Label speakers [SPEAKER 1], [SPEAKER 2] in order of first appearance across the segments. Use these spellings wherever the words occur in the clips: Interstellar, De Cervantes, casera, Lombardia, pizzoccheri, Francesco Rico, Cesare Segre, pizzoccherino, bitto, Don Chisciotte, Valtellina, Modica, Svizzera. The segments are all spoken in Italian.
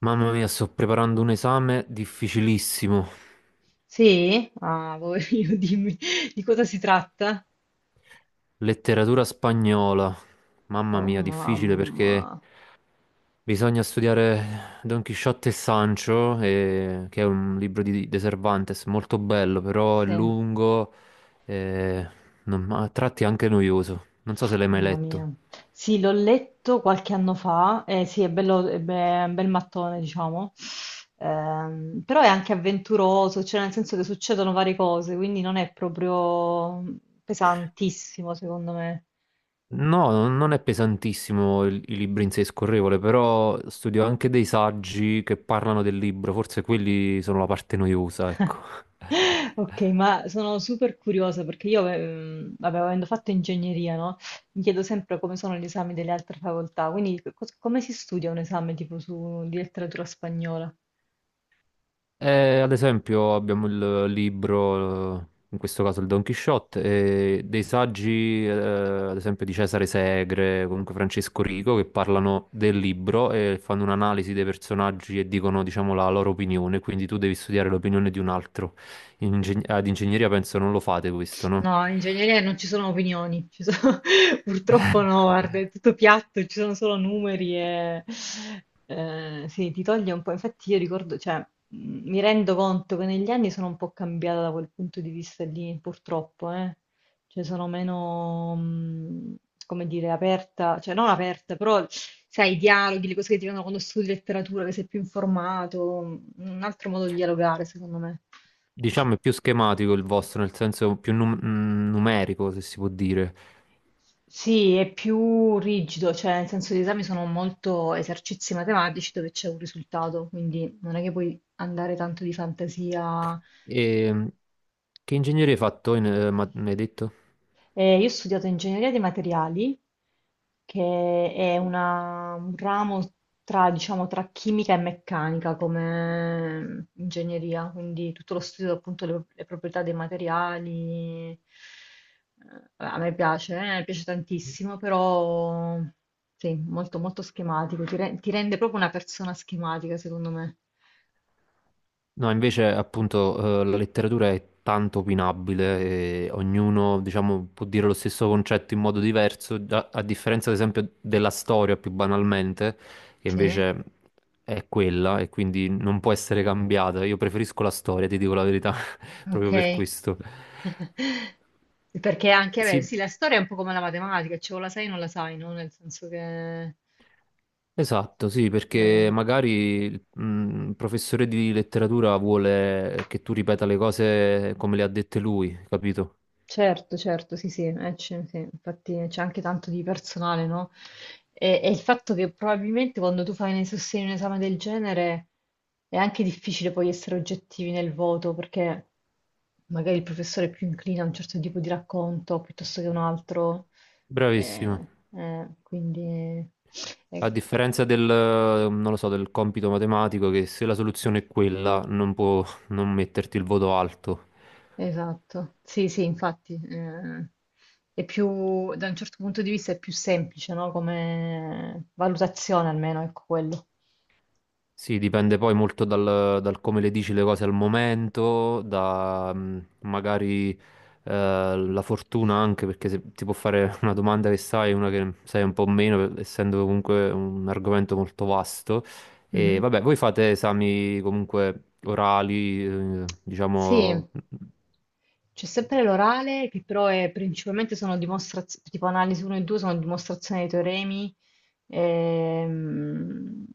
[SPEAKER 1] Mamma mia, sto preparando un esame difficilissimo.
[SPEAKER 2] Sì? Ah, poverino, dimmi di cosa si tratta?
[SPEAKER 1] Letteratura spagnola. Mamma
[SPEAKER 2] Oh
[SPEAKER 1] mia, difficile perché
[SPEAKER 2] mamma,
[SPEAKER 1] bisogna studiare Don Chisciotte e Sancho, che è un libro di De Cervantes, molto bello, però è
[SPEAKER 2] sì,
[SPEAKER 1] lungo e a tratti anche noioso. Non so se l'hai mai
[SPEAKER 2] mamma
[SPEAKER 1] letto.
[SPEAKER 2] mia. Sì, l'ho letto qualche anno fa, sì, è bello, è un bel mattone, diciamo. Però è anche avventuroso, cioè nel senso che succedono varie cose, quindi non è proprio pesantissimo, secondo me.
[SPEAKER 1] No, non è pesantissimo il libro in sé, è scorrevole, però studio anche dei saggi che parlano del libro, forse quelli sono la parte noiosa, ecco.
[SPEAKER 2] Ok, ma sono super curiosa perché io, vabbè, avendo fatto ingegneria, no? Mi chiedo sempre come sono gli esami delle altre facoltà, quindi come si studia un esame tipo su, di letteratura spagnola?
[SPEAKER 1] Ad esempio abbiamo il libro, in questo caso il Don Chisciotte, e dei saggi, ad esempio di Cesare Segre, comunque Francesco Rico, che parlano del libro e fanno un'analisi dei personaggi e dicono, diciamo, la loro opinione, quindi tu devi studiare l'opinione di un altro. Ad ingegneria penso non lo fate questo, no?
[SPEAKER 2] No, in ingegneria non ci sono opinioni, purtroppo no, guarda, è tutto piatto, ci sono solo numeri e sì, ti toglie un po'. Infatti io ricordo, cioè, mi rendo conto che negli anni sono un po' cambiata da quel punto di vista lì, purtroppo, eh. Cioè sono meno, come dire, aperta, cioè non aperta, però sai, i dialoghi, le cose che ti vengono quando studi letteratura, che sei più informato, un altro modo di dialogare, secondo me.
[SPEAKER 1] Diciamo è più schematico il vostro, nel senso più numerico, se si può dire.
[SPEAKER 2] Sì, è più rigido, cioè nel senso gli esami sono molto esercizi matematici dove c'è un risultato, quindi non è che puoi andare tanto di fantasia.
[SPEAKER 1] E, che ingegneria hai fatto, mi hai detto?
[SPEAKER 2] Io ho studiato ingegneria dei materiali, che è un ramo tra, diciamo, tra chimica e meccanica come ingegneria, quindi tutto lo studio appunto le proprietà dei materiali. A me piace, mi piace tantissimo, però sì, molto molto schematico, ti rende proprio una persona schematica, secondo me.
[SPEAKER 1] No, invece appunto la letteratura è tanto opinabile e ognuno, diciamo, può dire lo stesso concetto in modo diverso, a differenza ad esempio della storia più banalmente, che
[SPEAKER 2] Sì.
[SPEAKER 1] invece è quella e quindi non può essere cambiata. Io preferisco la storia, ti dico la verità, proprio per
[SPEAKER 2] Ok.
[SPEAKER 1] questo.
[SPEAKER 2] Perché anche, beh,
[SPEAKER 1] Sì,
[SPEAKER 2] sì, la storia è un po' come la matematica, cioè o la sai o non la sai, no? Nel senso che...
[SPEAKER 1] esatto, sì, perché
[SPEAKER 2] Eh,
[SPEAKER 1] magari il professore di letteratura vuole che tu ripeta le cose come le ha dette lui, capito?
[SPEAKER 2] certo, certo, sì, sì, sì, infatti c'è anche tanto di personale, no? E il fatto che probabilmente quando tu fai nei sostegni un esame del genere è anche difficile poi essere oggettivi nel voto, perché magari il professore è più inclina a un certo tipo di racconto piuttosto che un altro, eh,
[SPEAKER 1] Bravissimo.
[SPEAKER 2] quindi...
[SPEAKER 1] A
[SPEAKER 2] eh,
[SPEAKER 1] differenza del, non lo so, del compito matematico, che se la soluzione è quella, non può non metterti il voto alto.
[SPEAKER 2] Esatto, sì, sì, infatti, è più, da un certo punto di vista è più semplice, no? Come valutazione almeno, ecco quello.
[SPEAKER 1] Sì, dipende poi molto dal come le dici le cose al momento, da magari la fortuna anche, perché se ti può fare una domanda che sai, una che sai un po' meno, essendo comunque un argomento molto vasto. E
[SPEAKER 2] Mhm.
[SPEAKER 1] vabbè, voi fate esami comunque orali,
[SPEAKER 2] Sì,
[SPEAKER 1] diciamo...
[SPEAKER 2] c'è sempre l'orale, che però è principalmente sono dimostrazioni, tipo analisi 1 e 2 sono dimostrazioni dei teoremi. Ehm...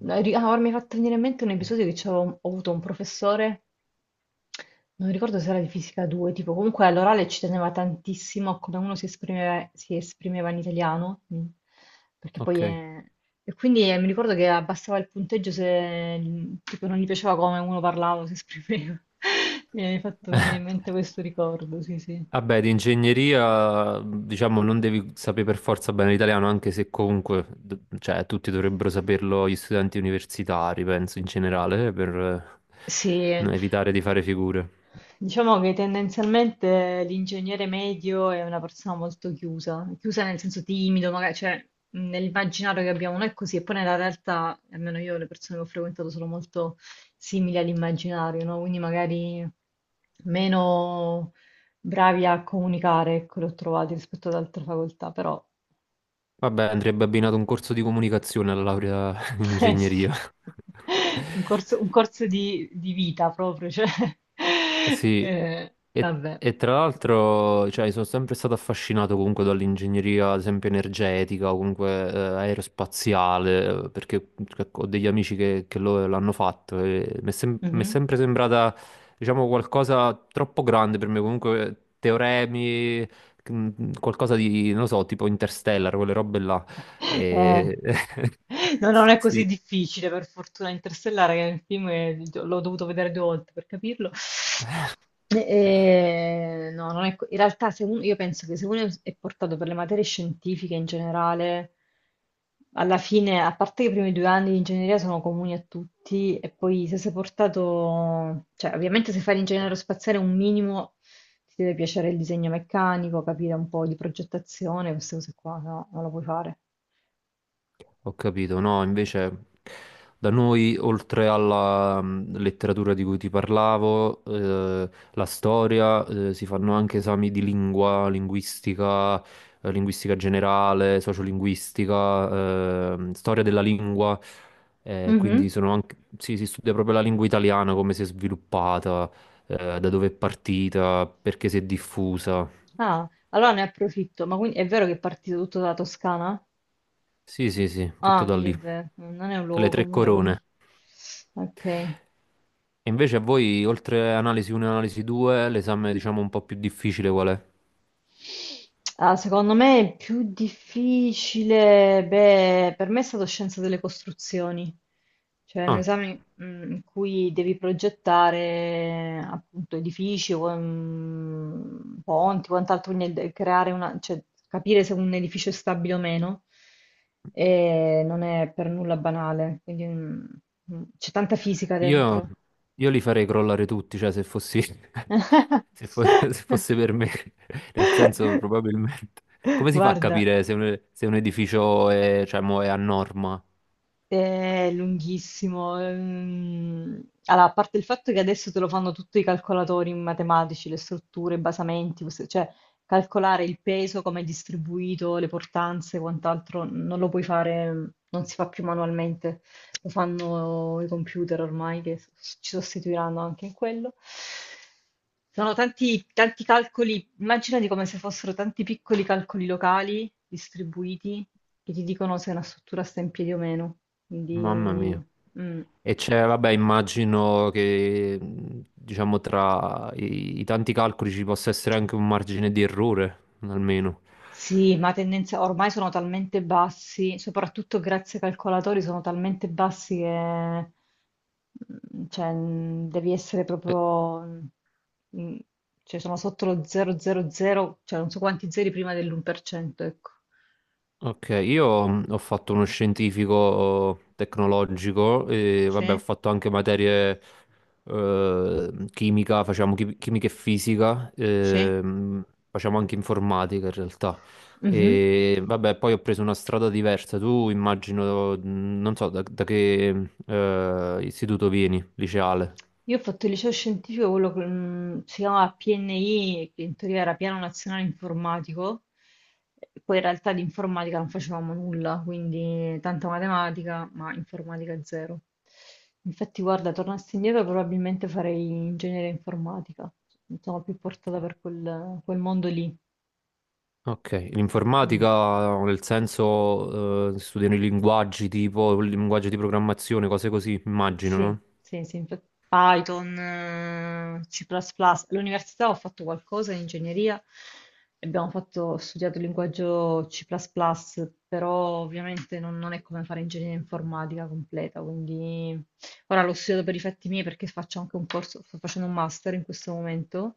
[SPEAKER 2] ah, ora mi ha fatto venire in mente un episodio che ho avuto un professore. Non ricordo se era di fisica 2, tipo comunque all'orale ci teneva tantissimo a come uno si esprimeva in italiano, perché poi
[SPEAKER 1] Ok.
[SPEAKER 2] e quindi mi ricordo che abbassava il punteggio se tipo, non gli piaceva come uno parlava o si esprimeva. Mi hai fatto venire in mente questo ricordo, sì, sì.
[SPEAKER 1] Vabbè, di ingegneria, diciamo, non devi sapere per forza bene l'italiano, anche se comunque, cioè, tutti dovrebbero saperlo gli studenti universitari, penso, in generale, per
[SPEAKER 2] Sì,
[SPEAKER 1] evitare di fare figure.
[SPEAKER 2] diciamo che tendenzialmente l'ingegnere medio è una persona molto chiusa, chiusa nel senso timido, magari, cioè nell'immaginario che abbiamo noi è così, e poi nella realtà, almeno io, le persone che ho frequentato sono molto simili all'immaginario, no? Quindi magari meno bravi a comunicare, ecco, li ho trovati rispetto ad altre facoltà, però
[SPEAKER 1] Vabbè, andrebbe abbinato un corso di comunicazione alla laurea in
[SPEAKER 2] eh sì,
[SPEAKER 1] ingegneria.
[SPEAKER 2] un corso di vita proprio, cioè,
[SPEAKER 1] Sì,
[SPEAKER 2] vabbè.
[SPEAKER 1] e tra l'altro, cioè, sono sempre stato affascinato comunque dall'ingegneria, ad esempio, energetica o comunque aerospaziale, perché cioè, ho degli amici che l'hanno fatto e mi è, mi è
[SPEAKER 2] Mhm.
[SPEAKER 1] sempre sembrata, diciamo, qualcosa troppo grande per me, comunque teoremi, qualcosa di, non lo so, tipo Interstellar, quelle robe là. E...
[SPEAKER 2] No, non è così
[SPEAKER 1] Sì.
[SPEAKER 2] difficile, per fortuna, Interstellare, che è il film che l'ho dovuto vedere due volte per capirlo. No, non è co- in realtà se io penso che se uno è portato per le materie scientifiche in generale, alla fine, a parte che i primi due anni di ingegneria sono comuni a tutti, e poi se sei portato, cioè ovviamente se fai l'ingegnere aerospaziale un minimo ti deve piacere il disegno meccanico, capire un po' di progettazione, queste cose qua, no, non lo puoi fare.
[SPEAKER 1] Ho capito, no, invece da noi, oltre alla letteratura di cui ti parlavo, la storia, si fanno anche esami di lingua, linguistica, linguistica generale, sociolinguistica, storia della lingua, quindi
[SPEAKER 2] Mhm.
[SPEAKER 1] sono anche, sì, si studia proprio la lingua italiana, come si è sviluppata, da dove è partita, perché si è diffusa.
[SPEAKER 2] Ah, allora ne approfitto. Ma quindi è vero che è partito tutto dalla Toscana?
[SPEAKER 1] Sì, sì, sì, tutto
[SPEAKER 2] Ah,
[SPEAKER 1] da
[SPEAKER 2] quindi è
[SPEAKER 1] lì.
[SPEAKER 2] vero, non è un
[SPEAKER 1] Le
[SPEAKER 2] luogo
[SPEAKER 1] tre
[SPEAKER 2] comune, quindi.
[SPEAKER 1] corone.
[SPEAKER 2] Ok.
[SPEAKER 1] E invece a voi, oltre analisi 1 e analisi 2, l'esame diciamo un po' più difficile qual è?
[SPEAKER 2] Ah, secondo me è più difficile, beh, per me è stato scienza delle costruzioni, cioè un
[SPEAKER 1] Ah,
[SPEAKER 2] esame in cui devi progettare appunto edifici, o, ponti, quant'altro, quindi creare una, cioè, capire se un edificio è stabile o meno, e non è per nulla banale, quindi c'è tanta fisica
[SPEAKER 1] io,
[SPEAKER 2] dentro.
[SPEAKER 1] io li farei crollare tutti, cioè se fossi, se fosse per me, nel senso probabilmente. Come si fa a
[SPEAKER 2] Guarda.
[SPEAKER 1] capire se se un edificio è, cioè, mo è a norma?
[SPEAKER 2] È lunghissimo. Allora, a parte il fatto che adesso te lo fanno tutti i calcolatori matematici, le strutture, i basamenti, cioè calcolare il peso, come è distribuito, le portanze, e quant'altro, non lo puoi fare, non si fa più manualmente, lo fanno i computer ormai che ci sostituiranno anche in quello. Sono tanti, tanti calcoli, immaginati come se fossero tanti piccoli calcoli locali distribuiti che ti dicono se una struttura sta in piedi o meno.
[SPEAKER 1] Mamma mia.
[SPEAKER 2] Quindi, mm.
[SPEAKER 1] E c'è, vabbè, immagino che diciamo tra i tanti calcoli ci possa essere anche un margine di errore, almeno.
[SPEAKER 2] Sì, ma tendenza ormai sono talmente bassi, soprattutto grazie ai calcolatori, sono talmente bassi che cioè, devi essere
[SPEAKER 1] Eh,
[SPEAKER 2] proprio, mm, cioè sono sotto lo 000, cioè non so quanti zeri prima dell'1%, ecco.
[SPEAKER 1] Ok, io ho fatto uno scientifico tecnologico e vabbè, ho
[SPEAKER 2] Sì,
[SPEAKER 1] fatto anche materie chimica, facciamo chimica e fisica,
[SPEAKER 2] sì.
[SPEAKER 1] facciamo anche informatica in realtà.
[SPEAKER 2] Mhm.
[SPEAKER 1] E vabbè, poi ho preso una strada diversa. Tu immagino, non so da che istituto vieni, liceale.
[SPEAKER 2] Io ho fatto il liceo scientifico, quello che si chiamava PNI, che in teoria era Piano Nazionale Informatico, e poi in realtà di informatica non facevamo nulla, quindi tanta matematica, ma informatica zero. Infatti, guarda, tornassi indietro probabilmente farei ingegneria informatica, sono più portata per quel mondo lì.
[SPEAKER 1] Ok,
[SPEAKER 2] Mm.
[SPEAKER 1] l'informatica nel senso studiano i linguaggi tipo, linguaggi di programmazione, cose così, immagino,
[SPEAKER 2] Sì,
[SPEAKER 1] no?
[SPEAKER 2] sì, sì, Python, C++. Plus plus. All'università ho fatto qualcosa in ingegneria e abbiamo fatto, ho studiato il linguaggio C++, plus plus, però ovviamente non è come fare ingegneria informatica completa, quindi ora l'ho studiato per i fatti miei perché faccio anche un corso, sto facendo un master in questo momento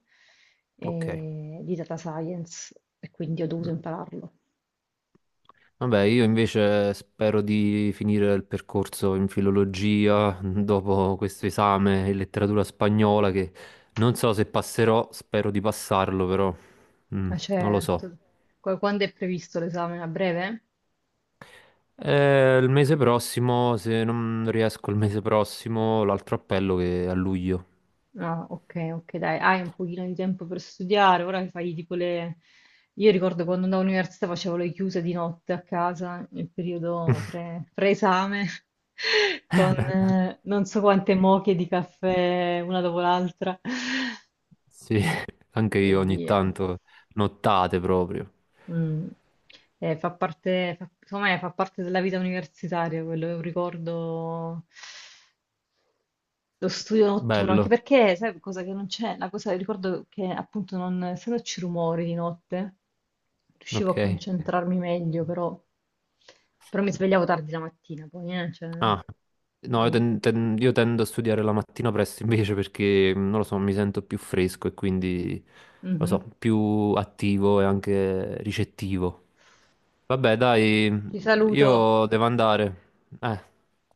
[SPEAKER 1] Ok.
[SPEAKER 2] di data science e quindi ho dovuto
[SPEAKER 1] Mm.
[SPEAKER 2] impararlo.
[SPEAKER 1] Vabbè, io invece spero di finire il percorso in filologia mm, dopo questo esame in letteratura spagnola che non so se passerò, spero di passarlo, però mm,
[SPEAKER 2] Ma
[SPEAKER 1] non lo so.
[SPEAKER 2] certo. Quando è previsto l'esame? A breve?
[SPEAKER 1] Il mese prossimo, se non riesco il mese prossimo, l'altro appello che è a luglio.
[SPEAKER 2] Ah, ok, ok, dai, hai un pochino di tempo per studiare, ora che fai tipo le... Io ricordo quando andavo all'università facevo le chiuse di notte a casa, nel periodo pre-esame, con non so quante moche di caffè una dopo l'altra
[SPEAKER 1] Sì, anche
[SPEAKER 2] e
[SPEAKER 1] io ogni
[SPEAKER 2] via.
[SPEAKER 1] tanto, nottate proprio.
[SPEAKER 2] Mm. Fa parte, secondo me fa parte della vita universitaria, quello è un ricordo, lo studio notturno, anche
[SPEAKER 1] Bello,
[SPEAKER 2] perché, sai, cosa che non c'è, la cosa, ricordo che appunto non, essendoci rumori di notte, riuscivo a
[SPEAKER 1] ok.
[SPEAKER 2] concentrarmi meglio, però mi svegliavo tardi la mattina, poi, cioè,
[SPEAKER 1] Ah, no,
[SPEAKER 2] mm,
[SPEAKER 1] io tendo a studiare la mattina presto invece perché, mm, non lo so, mi sento più fresco e quindi, lo so,
[SPEAKER 2] mhm.
[SPEAKER 1] più attivo e anche ricettivo. Vabbè, dai,
[SPEAKER 2] Ti saluto.
[SPEAKER 1] io devo andare. Eh.